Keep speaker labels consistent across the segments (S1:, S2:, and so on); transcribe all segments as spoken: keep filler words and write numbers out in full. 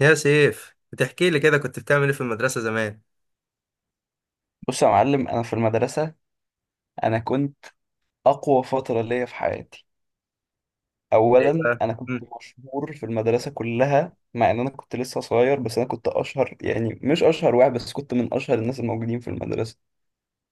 S1: يا سيف، بتحكي لي كده كنت بتعمل ايه في المدرسة زمان؟
S2: بص يا معلم، انا في المدرسه. انا كنت اقوى فتره ليا في حياتي.
S1: ايه
S2: اولا،
S1: بقى؟
S2: انا كنت
S1: مم.
S2: مشهور في المدرسه كلها، مع ان انا كنت لسه صغير، بس انا كنت اشهر، يعني مش اشهر واحد بس، كنت من اشهر الناس الموجودين في المدرسه.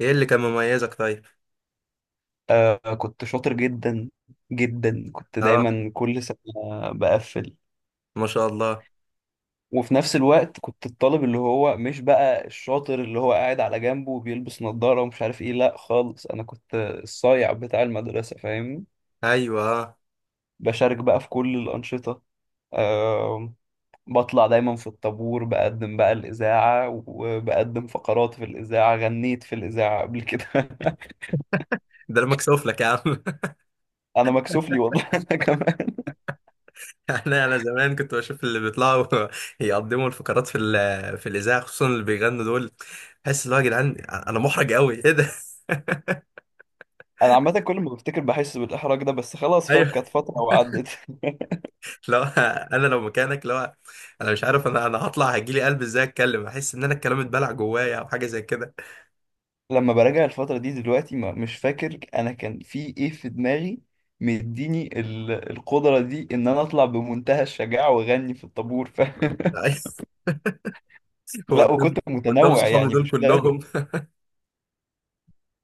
S1: ايه اللي كان مميزك طيب؟
S2: آه كنت شاطر جدا جدا، كنت
S1: اه.
S2: دايما كل سنه بقفل.
S1: ما شاء الله.
S2: وفي نفس الوقت كنت الطالب اللي هو مش بقى الشاطر اللي هو قاعد على جنبه وبيلبس نظاره ومش عارف ايه، لا خالص، انا كنت الصايع بتاع المدرسه، فاهمني؟
S1: ايوه، اه.
S2: بشارك بقى في كل الأنشطة. آه، بطلع دايما في الطابور، بقدم بقى الإذاعة وبقدم فقرات في الإذاعة، غنيت في الإذاعة قبل كده
S1: ده انا مكسوف لك يا عم.
S2: أنا مكسوف لي والله أنا كمان
S1: انا انا زمان كنت بشوف اللي بيطلعوا يقدموا الفقرات في ال- في الاذاعه، خصوصا اللي بيغنوا دول. بحس اللي هو يا جدعان انا محرج قوي، ايه ده؟
S2: أنا عامة كل ما بفتكر بحس بالإحراج ده، بس خلاص فاهم،
S1: ايوه.
S2: كانت فترة وعدت
S1: لو انا، لو مكانك، لو انا مش عارف، انا انا هطلع هيجيلي قلب ازاي اتكلم؟ احس ان انا الكلام اتبلع جوايا او حاجه زي كده.
S2: لما براجع الفترة دي دلوقتي ما مش فاكر أنا كان في إيه في دماغي، مديني ال- القدرة دي إن أنا أطلع بمنتهى الشجاعة وأغني في الطابور، فاهم؟ لا،
S1: قدام.
S2: وكنت
S1: قدام
S2: متنوع،
S1: صحابي
S2: يعني
S1: دول
S2: مش ثابت.
S1: كلهم.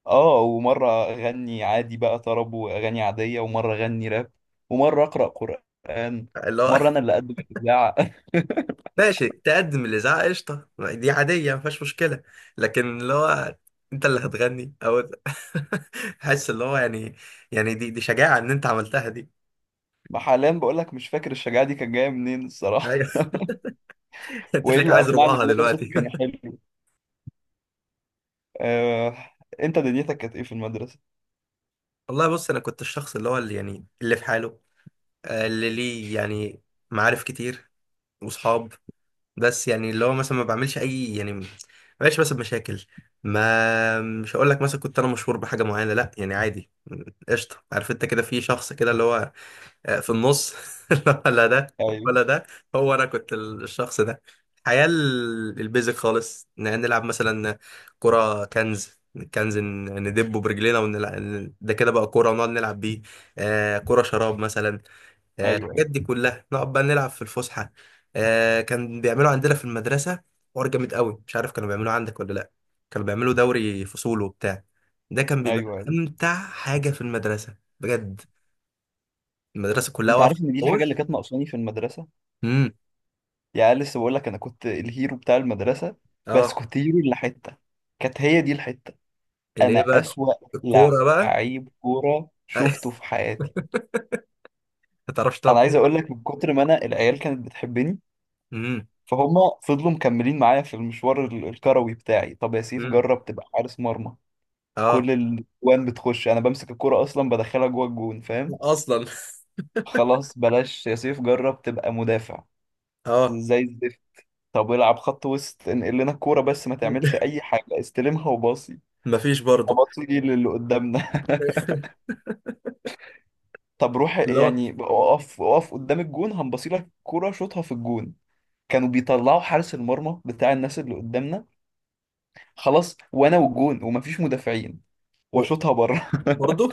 S2: اه، ومرة أغني عادي بقى طرب وأغاني عادية، ومرة أغني راب، ومرة أقرأ قرآن،
S1: اللي هو
S2: مرة أنا اللي أقدم الإذاعة.
S1: ماشي، تقدم الإذاعة قشطة، دي عادية مفيهاش مشكلة. لكن اللي هو أنت اللي هتغني أو حس اللي هو يعني، يعني دي دي شجاعة إن أنت عملتها دي.
S2: حاليا بقول لك مش فاكر الشجاعة دي كانت جاية منين الصراحة.
S1: أيوه. أنت
S2: وإيه
S1: تلاقيك
S2: اللي
S1: عايز
S2: أقنعني
S1: ربعها
S2: إن أنا صوتي
S1: دلوقتي.
S2: كان حلو؟ آه... أنت دنيتك كانت إيه في المدرسة؟
S1: والله بص، أنا كنت الشخص اللي هو، اللي يعني، اللي في حاله. آه، اللي ليه يعني معارف كتير وصحاب، بس يعني اللي هو مثلا ما بعملش أي يعني، ما بقاش مثلا مشاكل. ما مش هقول لك مثلا كنت انا مشهور بحاجه معينه، لا يعني عادي. قشطه، عارف انت كده، في شخص كده اللي هو آه، في النص. ولا ده
S2: أيوه
S1: ولا ده. هو انا كنت الشخص ده. الحياة ال- البيزك خالص، ن- نلعب مثلا كرة كنز. كنز ن- ندبه برجلينا ونلعب ده كده بقى كرة ونقعد نلعب بيه. آه، كرة شراب مثلا. آه،
S2: أيوه.
S1: الحاجات
S2: أيوه
S1: دي كلها نقعد بقى نلعب في الفسحة. آه، كان بيعملوا عندنا في المدرسة حوار جامد قوي، مش عارف كانوا بيعملوه عندك ولا لا. كانوا بيعملوا دوري فصول وبتاع. ده كان بيبقى
S2: أيوه أيوه.
S1: أمتع حاجة في المدرسة بجد. المدرسة كلها
S2: أنت
S1: واقفة.
S2: عارف إن دي الحاجة اللي كانت ناقصاني في المدرسة؟
S1: امم.
S2: يعني لسه بقول لك أنا كنت الهيرو بتاع المدرسة، بس
S1: اه.
S2: كنت هيرو اللي حتة، كانت هي دي الحتة. أنا
S1: الايه بقى؟
S2: أسوأ
S1: الكوره بقى.
S2: لعيب كورة شفته في حياتي.
S1: ما تعرفش تلعب
S2: انا عايز
S1: كوره
S2: اقول لك،
S1: خالص.
S2: من كتر ما انا العيال كانت بتحبني،
S1: امم.
S2: فهم فضلوا مكملين معايا في المشوار ال- الكروي بتاعي. طب يا سيف
S1: امم.
S2: جرب تبقى حارس مرمى.
S1: اه.
S2: كل الجوان بتخش، انا بمسك الكرة اصلا بدخلها جوه الجون، فاهم؟
S1: اصلا.
S2: خلاص بلاش، يا سيف جرب تبقى مدافع.
S1: اه.
S2: زي الزفت. طب العب خط وسط، انقل لنا الكورة بس، ما تعملش اي حاجة، استلمها وباصي،
S1: مفيش برضو.
S2: اباصي للي قدامنا طب روح
S1: اللي هو
S2: يعني اقف اقف قدام الجون، هنبصي لك الكورة شوطها في الجون. كانوا بيطلعوا حارس المرمى بتاع الناس اللي قدامنا، خلاص وانا والجون ومفيش مدافعين،
S1: و-
S2: واشوطها بره
S1: برضو.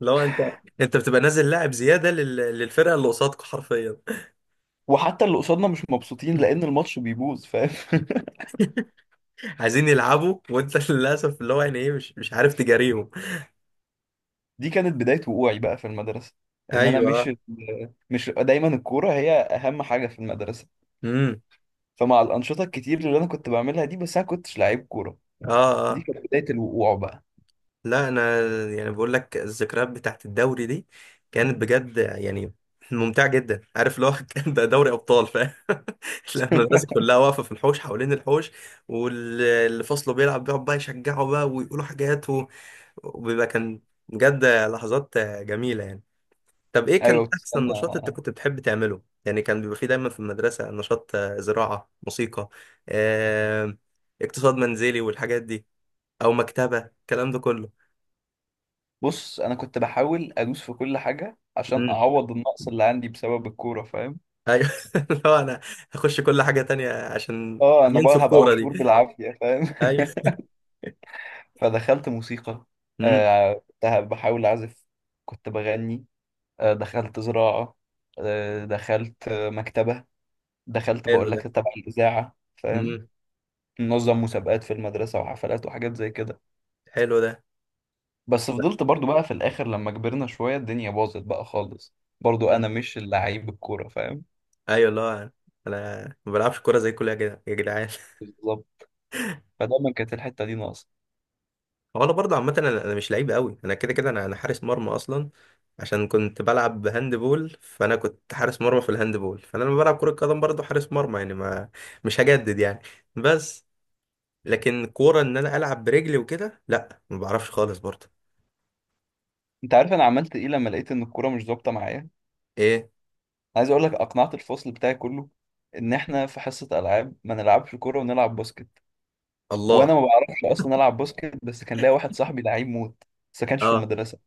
S1: لو انت، انت بتبقى نازل لاعب زياده لل... للفرقه اللي قصادك حرفيا.
S2: وحتى اللي قصادنا مش مبسوطين لان الماتش بيبوظ، فاهم؟
S1: عايزين يلعبوا وانت، للاسف اللي هو يعني ايه، مش مش عارف تجاريهم.
S2: دي كانت بداية وقوعي بقى في المدرسة، ان انا مش
S1: ايوه.
S2: مش دايما الكورة هي اهم حاجة في المدرسة.
S1: امم.
S2: فمع الانشطة الكتير اللي انا كنت بعملها دي، بس انا كنتش لعيب كورة،
S1: اه،
S2: دي
S1: اه.
S2: كانت بداية الوقوع بقى.
S1: لا انا يعني بقول لك، الذكريات بتاعت الدوري دي كانت بجد يعني ممتعه جدا، عارف اللي هو كان ده دوري ابطال فاهم. لما الناس كلها واقفه في الحوش، حوالين الحوش، واللي فصله بيلعب بيقعد بقى يشجعه بقى ويقولوا حاجات و- وبيبقى كان بجد لحظات جميله يعني. طب ايه
S2: ايوه
S1: كان احسن
S2: وتستنى.
S1: نشاط انت كنت بتحب تعمله؟ يعني كان بيبقى فيه دايما في المدرسه نشاط، آه، زراعه، موسيقى، آه، اقتصاد منزلي والحاجات دي، او مكتبه، الكلام ده كله.
S2: بص انا كنت بحاول ادوس في كل حاجة عشان اعوض النقص اللي عندي بسبب الكورة، فاهم؟
S1: ايوه. لو انا هخش كل حاجه تانية عشان
S2: اه انا
S1: ينسوا
S2: بقى هبقى
S1: الكوره
S2: مشهور
S1: دي.
S2: بالعافية، فاهم؟
S1: ايوه.
S2: فدخلت موسيقى،
S1: امم.
S2: آه، كنت بحاول أعزف، كنت بغني، آه، دخلت زراعة، آه، دخلت آه، مكتبة، دخلت
S1: حلو
S2: بقول لك
S1: ده.
S2: تبع الإذاعة، فاهم؟
S1: امم.
S2: ننظم مسابقات في المدرسة وحفلات وحاجات زي كده.
S1: حلو ده.
S2: بس فضلت برضو بقى في الآخر لما كبرنا شوية الدنيا باظت بقى خالص، برضو
S1: امم.
S2: أنا مش اللعيب الكورة، فاهم؟
S1: ايوه، اللي هو انا ما بلعبش كوره زي كل يا جدع- يا جدعان.
S2: بالظبط. فدايما كانت الحتة دي ناقصة.
S1: هو انا برضه عامه، انا أنا مش لعيب قوي، انا كده كده، انا انا حارس مرمى اصلا. عشان كنت بلعب هاند بول، فانا كنت حارس مرمى في الهاند بول، فانا لما بلعب كره قدم برضه حارس مرمى، يعني ما مش هجدد يعني. بس لكن كوره ان انا العب برجلي وكده، لا ما بعرفش خالص برضه.
S2: أنت عارف أنا عملت إيه لما لقيت إن الكورة مش ظابطة معايا؟
S1: ايه؟
S2: عايز اقول لك، اقنعت الفصل بتاعي كله ان احنا في حصه العاب ما نلعبش كوره ونلعب باسكت.
S1: الله.
S2: وانا ما بعرفش اصلا العب باسكت، بس كان ليا واحد صاحبي لعيب موت، بس ما كانش في
S1: اه.
S2: المدرسه،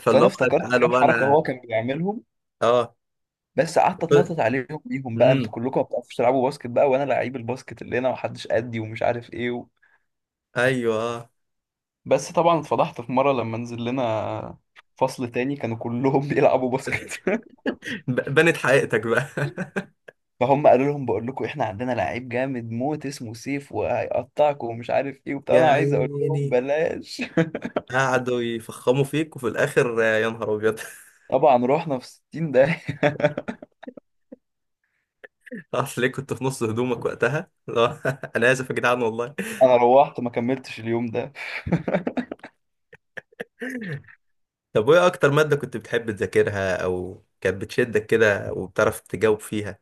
S1: فاللي
S2: فانا
S1: هو،
S2: افتكرت
S1: تعالوا
S2: كام
S1: بقى
S2: حركه
S1: انا.
S2: هو كان بيعملهم،
S1: اه.
S2: بس قعدت اتنطط عليهم بيهم بقى: انتوا
S1: امم.
S2: كلكم ما بتعرفوش تلعبوا باسكت بقى، وانا لعيب الباسكت اللي هنا، ومحدش قدي، ومش عارف ايه و...
S1: ايوه. آه.
S2: بس طبعا اتفضحت في مره لما نزل لنا فصل تاني كانوا كلهم بيلعبوا باسكت
S1: ب- بنت حقيقتك بقى.
S2: فهم قالوا لهم بقول لكم احنا عندنا لعيب جامد موت اسمه سيف، وهيقطعكم ومش عارف ايه وبتاع،
S1: يا
S2: انا عايز اقول لهم
S1: عيني،
S2: بلاش
S1: قعدوا يفخموا فيك وفي الاخر آه، يا نهار ابيض.
S2: طبعا رحنا في ستين داهية
S1: اصل ليه كنت في نص هدومك وقتها؟ لا، انا اسف يا جدعان والله.
S2: انا روحت ما كملتش اليوم ده
S1: طب وايه اكتر ماده كنت بتحب تذاكرها او كانت بتشدك كده وبتعرف تجاوب فيها؟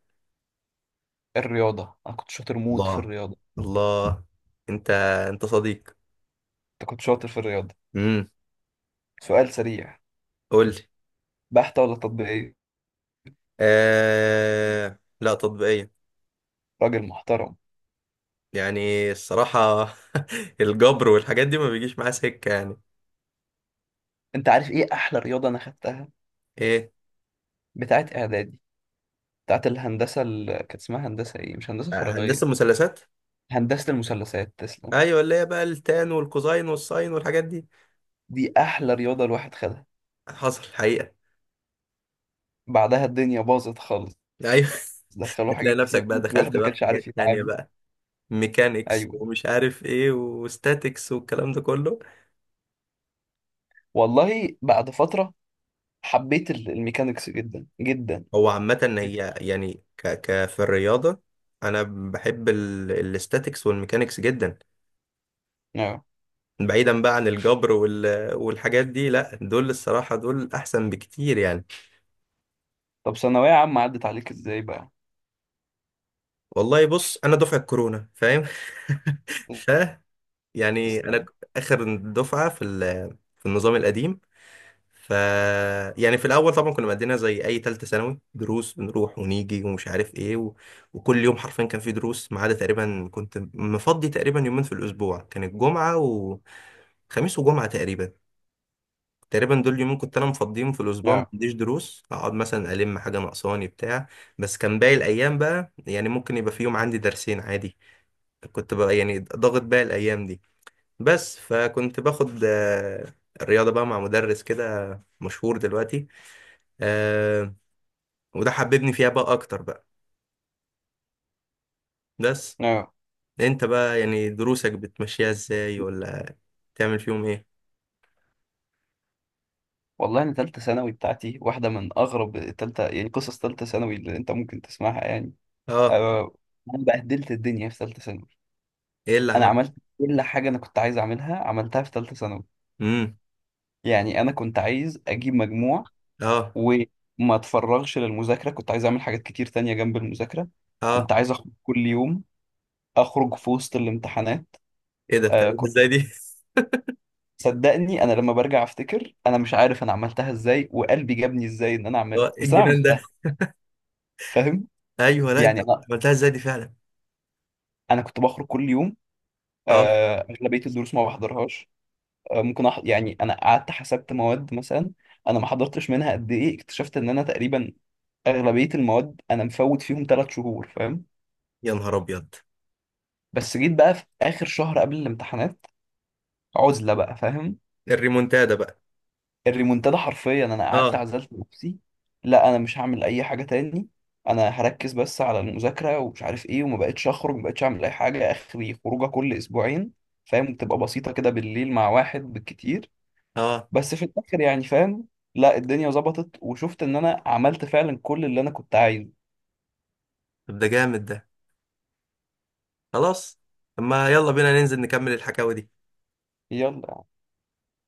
S2: الرياضة، انا كنت شاطر موت في
S1: الله.
S2: الرياضة.
S1: الله. انت، انت صديق.
S2: انت كنت شاطر في الرياضة.
S1: امم.
S2: سؤال سريع:
S1: قول لي.
S2: بحتة ولا تطبيقية؟
S1: آه... لا، تطبيقيه.
S2: راجل محترم.
S1: يعني الصراحة الجبر والحاجات دي ما بيجيش معاه سكة يعني.
S2: انت عارف ايه احلى رياضة انا خدتها؟
S1: ايه؟
S2: بتاعت اعدادي، بتاعت الهندسة، اللي كانت اسمها هندسة ايه، مش هندسة
S1: آه، هندسة
S2: فراغية.
S1: المثلثات.
S2: هندسة المثلثات، تسلم.
S1: ايوه، اللي هي بقى التان والكوزاين والساين والحاجات دي.
S2: دي احلى رياضة الواحد خدها،
S1: حصل حقيقة.
S2: بعدها الدنيا باظت خالص،
S1: ايوه.
S2: دخلوا
S1: هتلاقي
S2: حاجات
S1: نفسك
S2: كتير،
S1: بقى
S2: الواحد
S1: دخلت
S2: ما
S1: بقى في
S2: كانش عارف
S1: حاجات تانية
S2: يتعامل.
S1: بقى، ميكانيكس
S2: ايوه.
S1: ومش عارف ايه وستاتيكس والكلام ده كله.
S2: والله بعد فتره حبيت ال- الميكانيكس جدا جدا.
S1: هو عامة هي يعني، ك ك في الرياضة، انا بحب ال... الاستاتيكس والميكانيكس جدا.
S2: اه.
S1: بعيدا بقى عن الجبر وال والحاجات دي، لا دول الصراحة دول احسن بكتير يعني.
S2: طب ثانويه عامه عدت عليك ازاي بقى؟
S1: والله بص، انا دفعه كورونا فاهم. ف يعني انا
S2: تسلم.
S1: ك- اخر دفعه في ال- في النظام القديم. ف يعني في الاول طبعا كنا مقضينا زي اي ثالثه ثانوي، دروس بنروح ونيجي ومش عارف ايه و... وكل يوم حرفيا كان في دروس، ما عدا تقريبا كنت مفضي تقريبا يومين في الاسبوع، كانت جمعه وخميس. وجمعه تقريبا، تقريبا دول يومين كنت انا مفضيهم في الاسبوع ما
S2: اه
S1: عنديش دروس، اقعد مثلا الم حاجه ناقصاني بتاع. بس كان باقي الايام بقى يعني ممكن يبقى في يوم عندي درسين عادي، كنت بقى يعني ضاغط بقى الايام دي. بس فكنت باخد آه، الرياضه بقى مع مدرس كده مشهور دلوقتي، آه، وده حببني فيها بقى اكتر بقى. بس
S2: اه.
S1: انت بقى يعني دروسك بتمشيها ازاي ولا تعمل فيهم ايه؟
S2: والله انا ثالثه ثانوي بتاعتي واحده من اغرب ثالثه، يعني قصص ثالثه ثانوي اللي انت ممكن تسمعها يعني.
S1: اه.
S2: أه. انا بهدلت الدنيا في ثالثه ثانوي.
S1: ايه اللي
S2: انا
S1: عملته؟
S2: عملت كل حاجه انا كنت عايز اعملها، عملتها في ثالثه ثانوي.
S1: امم.
S2: يعني انا كنت عايز اجيب مجموع،
S1: اه.
S2: وما اتفرغش للمذاكرة، كنت عايز اعمل حاجات كتير تانية جنب المذاكرة،
S1: اه.
S2: كنت عايز اخرج كل يوم، اخرج في وسط الامتحانات.
S1: ايه ده؟
S2: آه
S1: بتعملها
S2: كنت
S1: ازاي دي؟
S2: صدقني انا لما برجع افتكر انا مش عارف انا عملتها ازاي، وقلبي جابني ازاي ان انا
S1: اه،
S2: اعملها،
S1: ايه
S2: بس انا
S1: الجنان
S2: عملتها،
S1: ده؟
S2: فاهم؟
S1: ايوه، لا انت
S2: يعني انا
S1: عملتها ازاي دي فعلا؟
S2: انا كنت بخرج كل يوم،
S1: اه.
S2: آه، اغلبية الدروس ما بحضرهاش. آه ممكن أح... يعني انا قعدت حسبت مواد مثلا، انا ما حضرتش منها قد ايه، اكتشفت ان انا تقريبا اغلبية المواد انا مفوت فيهم ثلاث شهور، فاهم؟
S1: يا نهار ابيض.
S2: بس جيت بقى في اخر شهر قبل الامتحانات، عزله بقى، فاهم؟
S1: الريمونتادا بقى.
S2: الريمونتادا حرفيا. انا قعدت
S1: اه.
S2: عزلت نفسي، لا انا مش هعمل اي حاجه تاني، انا هركز بس على المذاكره ومش عارف ايه، وما بقتش اخرج، ما بقتش اعمل اي حاجه اخري، خروجه كل اسبوعين، فاهم؟ بتبقى بسيطه كده بالليل مع واحد بالكتير،
S1: اه.
S2: بس في الاخر يعني، فاهم؟ لا الدنيا ظبطت وشفت ان انا عملت فعلا كل اللي انا كنت عايزه.
S1: طب ده جامد ده. خلاص. طب ما يلا بينا ننزل نكمل الحكاوي دي.
S2: يلا.